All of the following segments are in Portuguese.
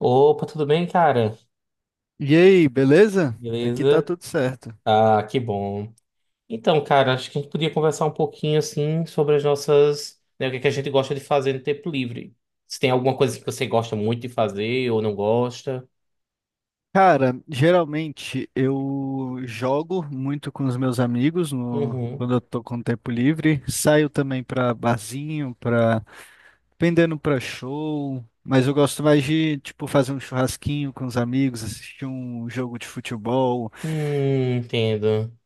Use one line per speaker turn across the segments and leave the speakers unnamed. Opa, tudo bem, cara?
E aí, beleza? Aqui tá
Beleza?
tudo certo.
Ah, que bom. Então, cara, acho que a gente podia conversar um pouquinho assim sobre as nossas, né, o que é que a gente gosta de fazer no tempo livre. Se tem alguma coisa que você gosta muito de fazer ou não gosta.
Cara, geralmente eu jogo muito com os meus amigos
Uhum.
quando eu tô com tempo livre. Saio também pra barzinho, dependendo pra show. Mas eu gosto mais de, tipo, fazer um churrasquinho com os amigos, assistir um jogo de futebol.
Entendo.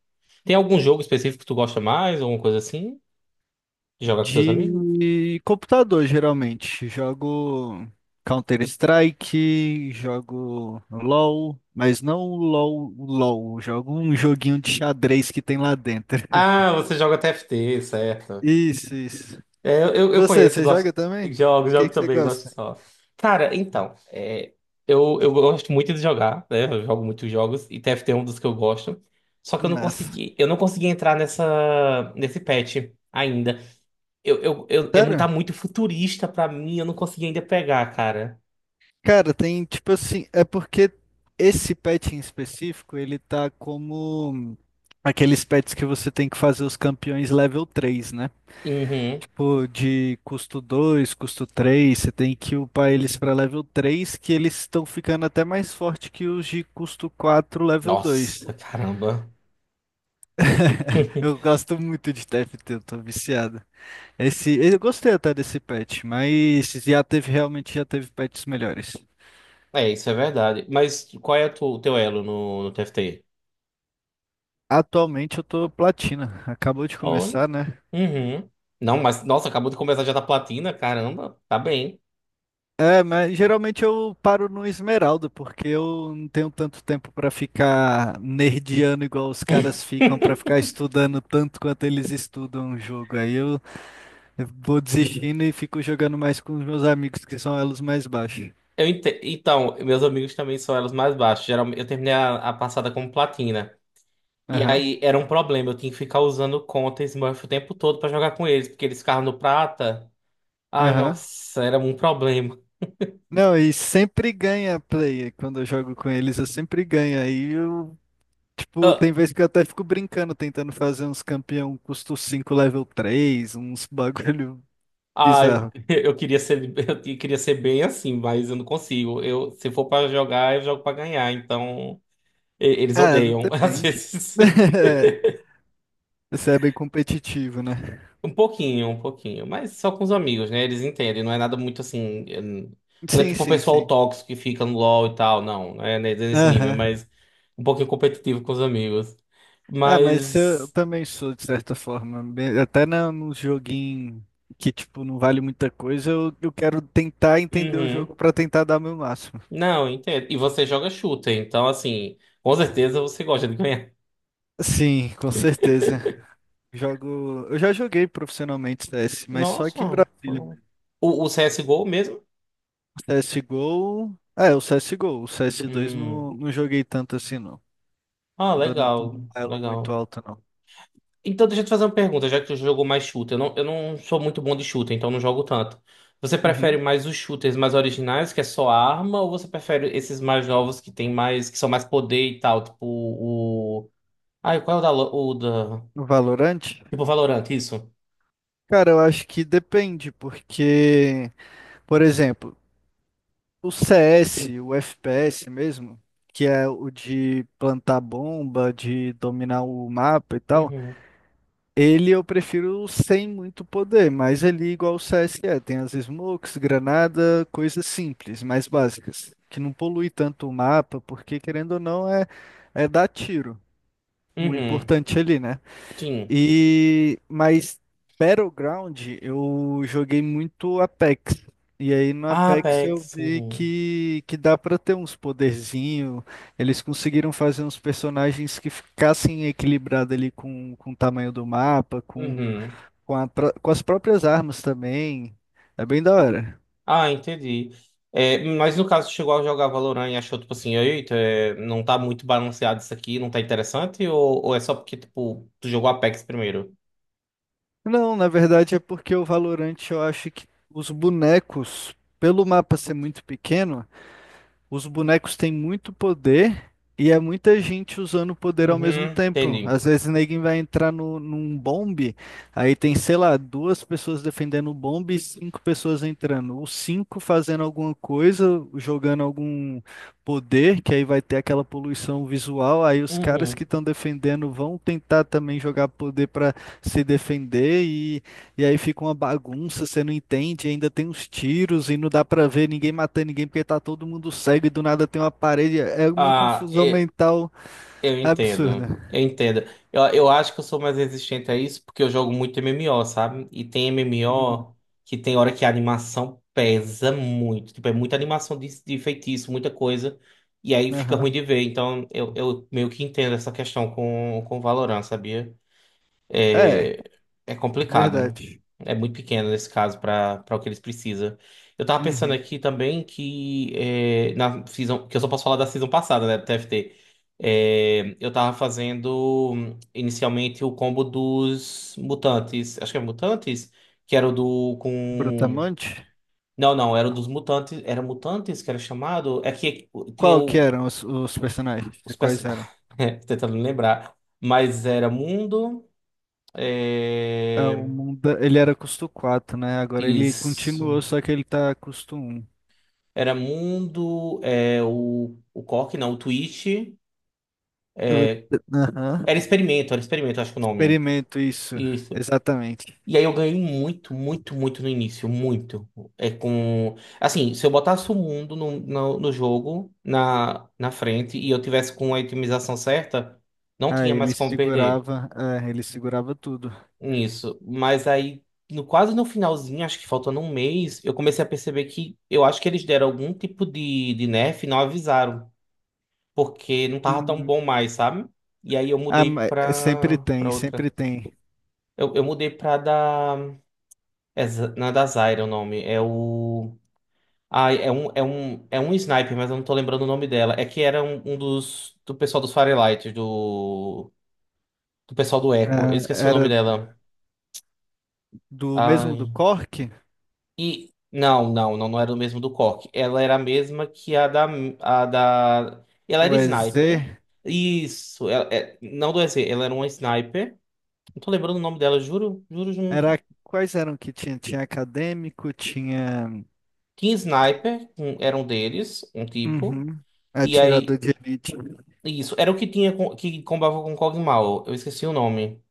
Tem algum jogo específico que tu gosta mais, alguma coisa assim? Joga com teus amigos?
De computador, geralmente. Jogo Counter-Strike, jogo LoL, mas não o LoL, o LoL. Jogo um joguinho de xadrez que tem lá dentro.
Ah, você joga TFT, certo.
Isso, isso.
É, eu, eu
E
eu
Você,
conheço,
você
gosto,
joga também? O
jogo,
que
jogo
que você
também, gosto
gosta?
só. Cara, então, é, eu gosto muito de jogar, né? Eu jogo muitos jogos e TFT é um dos que eu gosto. Só que eu não
Massa.
consegui, eu não consegui entrar nesse patch ainda. Tá
Sério?
muito futurista pra mim, eu não consegui ainda pegar, cara.
Cara, tem tipo assim, é porque esse pet em específico, ele tá como aqueles pets que você tem que fazer os campeões level 3, né?
Uhum.
Tipo, de custo 2, custo 3. Você tem que upar eles para level 3 que eles estão ficando até mais forte que os de custo 4 level 2.
Nossa, caramba.
Eu gosto muito de TFT, eu tô viciado. Esse, eu gostei até desse patch, mas já teve, realmente já teve patches melhores.
É, isso é verdade. Mas qual é o teu elo no TFT?
Atualmente eu tô platina, acabou de começar, né?
Uhum. Não, mas nossa, acabou de começar já da platina, caramba, tá bem.
É, mas geralmente eu paro no Esmeralda, porque eu não tenho tanto tempo pra ficar nerdiano igual os caras ficam, pra ficar estudando tanto quanto eles estudam o jogo. Aí eu vou desistindo e fico jogando mais com os meus amigos, que são elos mais baixos.
Então, meus amigos também são elos mais baixos. Geralmente, eu terminei a passada como platina. E
Aham,
aí era um problema, eu tinha que ficar usando conta Smurf o tempo todo pra jogar com eles, porque eles ficavam no prata. Ai,
aham.
nossa, era um problema.
Não, e sempre ganha a play. Quando eu jogo com eles, eu sempre ganho. Aí eu, tipo, tem
Ah,
vezes que eu até fico brincando, tentando fazer uns campeão custo 5 level 3, uns bagulho
ah, eu,
bizarro.
eu queria ser, queria ser bem assim, mas eu não consigo. Eu, se for pra jogar, eu jogo pra ganhar, então eles
Ah,
odeiam às
depende.
vezes.
Você é bem competitivo, né?
Um pouquinho, mas só com os amigos, né? Eles entendem, não é nada muito assim. Não é
Sim,
tipo o
sim,
pessoal
sim.
tóxico que fica no LoL e tal, não, não é nesse nível,
Aham.
mas um pouquinho competitivo com os amigos.
Ah, mas
Mas.
eu também sou, de certa forma. Até num joguinho que, tipo, não vale muita coisa, eu quero tentar entender o
Uhum.
jogo pra tentar dar meu máximo.
Não, entendo. E você joga shooter, então, assim, com certeza você gosta de ganhar.
Sim, com certeza. Jogo. Eu já joguei profissionalmente CS, mas só aqui em
Nossa.
Brasília
O,
mesmo.
o CSGO mesmo?
CSGO. É, o CSGO. O CS2
Hum.
não, não joguei tanto assim, não.
Ah,
Não tô num
legal,
elo muito
legal.
alto, não.
Então, deixa eu te fazer uma pergunta, já que tu jogou mais shooter. Eu não sou muito bom de shooter, então não jogo tanto. Você prefere
Uhum.
mais os shooters mais originais, que é só arma, ou você prefere esses mais novos que tem mais, que são mais poder e tal? Tipo o. Ai, qual é o da. O da...
No Valorante?
Tipo Valorant, isso?
Cara, eu acho que depende, porque, por exemplo, o CS, o FPS mesmo, que é o de plantar bomba, de dominar o mapa e tal,
Uhum.
ele eu prefiro sem muito poder, mas ele é igual o CS que é, tem as smokes, granada, coisas simples, mais básicas, que não polui tanto o mapa, porque querendo ou não é dar tiro, o
Uhum.
importante ali, né?
Sim.
E mas Battleground eu joguei muito Apex. E aí no Apex eu
Apex.
vi
Uhum.
que dá pra ter uns poderzinho. Eles conseguiram fazer uns personagens que ficassem equilibrados ali com o tamanho do mapa, com,
Uhum.
com, a pró- com as próprias armas também. É bem da hora.
Ah, entendi. É, mas no caso, chegou a jogar Valorant e achou, tipo assim, eita, é, não tá muito balanceado isso aqui, não tá interessante? Ou é só porque, tipo, tu jogou Apex primeiro?
Não, na verdade é porque o Valorant eu acho que os bonecos, pelo mapa ser muito pequeno. Os bonecos têm muito poder e é muita gente usando o poder ao mesmo
Uhum,
tempo.
entendi.
Às vezes ninguém vai entrar no, num bombe, aí tem, sei lá, duas pessoas defendendo o bombe e cinco pessoas entrando. Os cinco fazendo alguma coisa, jogando algum poder, que aí vai ter aquela poluição visual. Aí os caras
Uhum.
que estão defendendo vão tentar também jogar poder para se defender e aí fica uma bagunça, você não entende, ainda tem uns tiros e não dá pra ver ninguém matando ninguém porque tá todo mundo cego e do nada tem uma parede. É uma
Ah,
confusão
é,
mental
eu entendo,
absurda.
eu entendo. Eu acho que eu sou mais resistente a isso porque eu jogo muito MMO, sabe? E tem
Uhum.
MMO que tem hora que a animação pesa muito. Tipo, é muita animação de feitiço, muita coisa. E aí fica ruim
Aham.
de ver. Então eu meio que entendo essa questão com Valorant, sabia?
É,
É complicado, né?
verdade.
É muito pequeno nesse caso para o que eles precisam. Eu tava pensando
Uhum.
aqui também que é, na season, que eu só posso falar da season passada, né, do TFT. É, eu tava fazendo inicialmente o combo dos mutantes, acho que é mutantes, que era o do com.
Brutamonte?
Não, não, era o dos mutantes, era mutantes que era chamado, é que tinha
Qual que
o,
eram os personagens?
os perso...
Quais eram?
tentando me lembrar, mas era mundo,
É,
é,
o mundo, ele era custo 4, né? Agora ele
isso.
continuou, só que ele tá custo 1.
Era Mundo, é, o Cork, não, o Twitch.
Eu- Aham.
Era Experimento, acho que o nome.
Experimento isso,
Isso.
exatamente.
E aí eu ganhei muito, muito, muito no início, muito. É com. Assim, se eu botasse o mundo no jogo, na frente, e eu tivesse com a itemização certa, não
Ah,
tinha mais
ele
como perder.
segurava, é, ele segurava tudo.
Isso. Mas aí, no, quase no finalzinho, acho que faltando um mês, eu comecei a perceber que eu acho que eles deram algum tipo de nerf e não avisaram. Porque não tava tão
Hum,
bom mais, sabe? E aí eu
ah,
mudei
é, sempre
pra
tem,
outra.
sempre tem.
Eu mudei pra da. É, não é da Zyra o nome. É o. Ah, é um sniper, mas eu não tô lembrando o nome dela. É que era um dos. Do pessoal dos Firelight, do. Do pessoal do Echo. Eu
Ah,
esqueci o nome
era
dela.
do mesmo do
Ai.
Cork,
E. Não, não, não, não era o mesmo do Cork. Ela era a mesma que a da. A da... Ela era
o
sniper.
EZ,
Isso, ela, é, não do EZ, ela era uma sniper. Não tô lembrando o nome dela, juro, juro, juro.
era quais eram que tinha? Tinha acadêmico, tinha
Tinha Sniper, era um deles, um tipo.
uhum,
E aí,
atirador de elite.
isso, era o que tinha que combava com Cogmal. Eu esqueci o nome.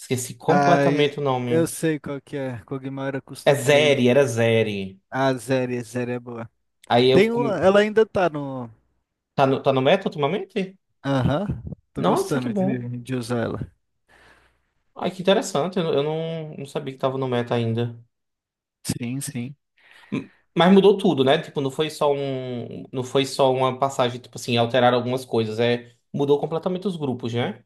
Esqueci
Ai,
completamente o
eu
nome.
sei qual que é. Kog'Maw era
É
custo 3.
Zeri, era Zeri.
Ah, Zeri, Zeri é boa.
Aí eu.
Tem uma, ela ainda tá no.
Tá no meta ultimamente?
Aham, tô
Nossa, que
gostando
bom.
de usar ela.
Ai, que interessante. Eu não, não sabia que tava no meta ainda.
Sim, sim.
Mas mudou tudo, né? Tipo, não foi só um. Não foi só uma passagem, tipo assim, alterar algumas coisas. É, mudou completamente os grupos, né?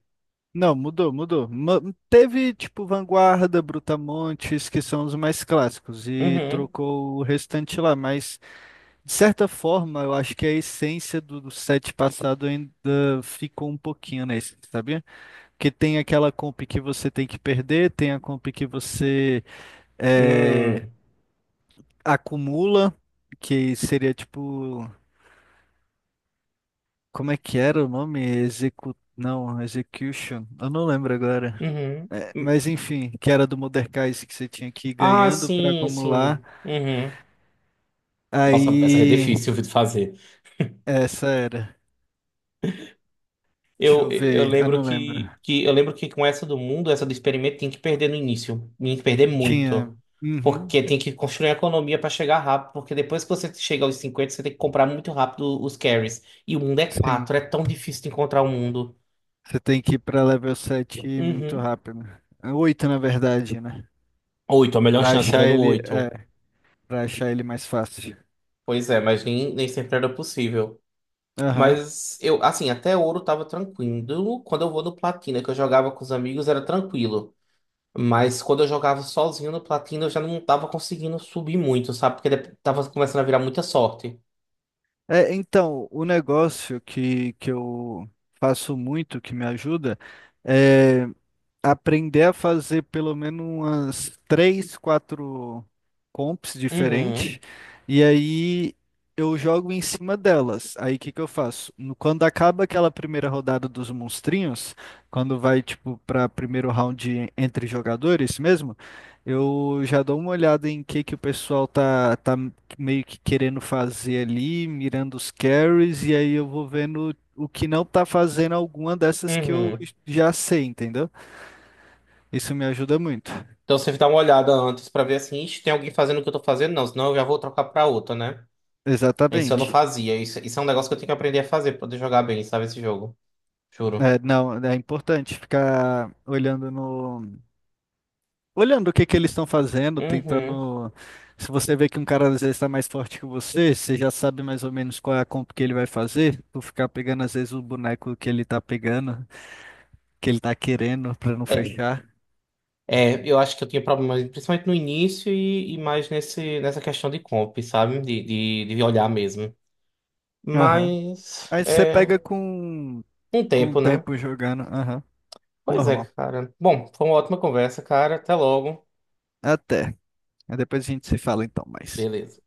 Não, mudou, mudou. Teve tipo Vanguarda, Brutamontes, que são os mais clássicos, e
Uhum.
trocou o restante lá, mas de certa forma eu acho que a essência do set passado ainda ficou um pouquinho nesse, sabia? Porque tem aquela comp que você tem que perder, tem a comp que você é,
Hum,
acumula, que seria tipo. Como é que era o nome? Não, Execution. Eu não lembro agora.
uhum.
É,
Hum.
mas enfim, que era do Mordekaiser que você tinha que ir
Ah,
ganhando para
sim,
acumular.
sim. Uhum. Nossa, essa é
Aí,
difícil de fazer.
essa era. Deixa
Eu,
eu
eu
ver, ah,
lembro
não lembro.
que eu lembro que com essa do mundo, essa do experimento, tem que perder no início. Tem que perder
Tinha.
muito.
Uhum,
Porque tem que construir a economia para chegar rápido. Porque depois que você chega aos 50 você tem que comprar muito rápido os carries. E o mundo é
sim,
4 é tão difícil de encontrar o mundo.
você tem que ir para level 7 muito
Uhum.
rápido. É, 8, na verdade, né?
8, a melhor
Para
chance era
achar
no
ele,
oito.
é, para achar ele mais fácil.
Pois é, mas nem sempre era possível.
Aham.
Mas eu, assim, até ouro tava tranquilo. Quando eu vou no platina, que eu jogava com os amigos, era tranquilo. Mas quando eu jogava sozinho no platina, eu já não tava conseguindo subir muito, sabe? Porque tava começando a virar muita sorte.
É, então, o negócio que eu faço muito, que me ajuda, é aprender a fazer pelo menos umas três, quatro comps
Uhum,
diferentes, e aí eu jogo em cima delas. Aí o que que eu faço? Quando acaba aquela primeira rodada dos monstrinhos, quando vai tipo para primeiro round entre jogadores mesmo, eu já dou uma olhada em que o pessoal tá meio que querendo fazer ali, mirando os carries, e aí eu vou vendo o que não tá fazendo alguma dessas que eu
uhum.
já sei, entendeu? Isso me ajuda muito.
Então você dá uma olhada antes pra ver assim, "Ixi, tem alguém fazendo o que eu tô fazendo? Não, senão eu já vou trocar pra outra, né? Isso eu não
Exatamente.
fazia. Isso é um negócio que eu tenho que aprender a fazer pra poder jogar bem, sabe? Esse jogo. Juro.
É, não, é importante ficar olhando no, olhando o que que eles estão fazendo,
Uhum.
tentando. Se você vê que um cara às vezes está mais forte que você, você já sabe mais ou menos qual é a comp que ele vai fazer. Tu ficar pegando às vezes o boneco que ele tá pegando, que ele tá querendo pra não fechar.
É, eu acho que eu tinha problemas, principalmente no início e mais nessa questão de comp, sabe? De olhar mesmo.
Aham.
Mas
Aí você
é
pega com
um
com o
tempo, né?
tempo jogando. Aham.
Pois é,
Normal.
cara. Bom, foi uma ótima conversa, cara. Até logo.
Até. Aí depois a gente se fala então mais.
Beleza.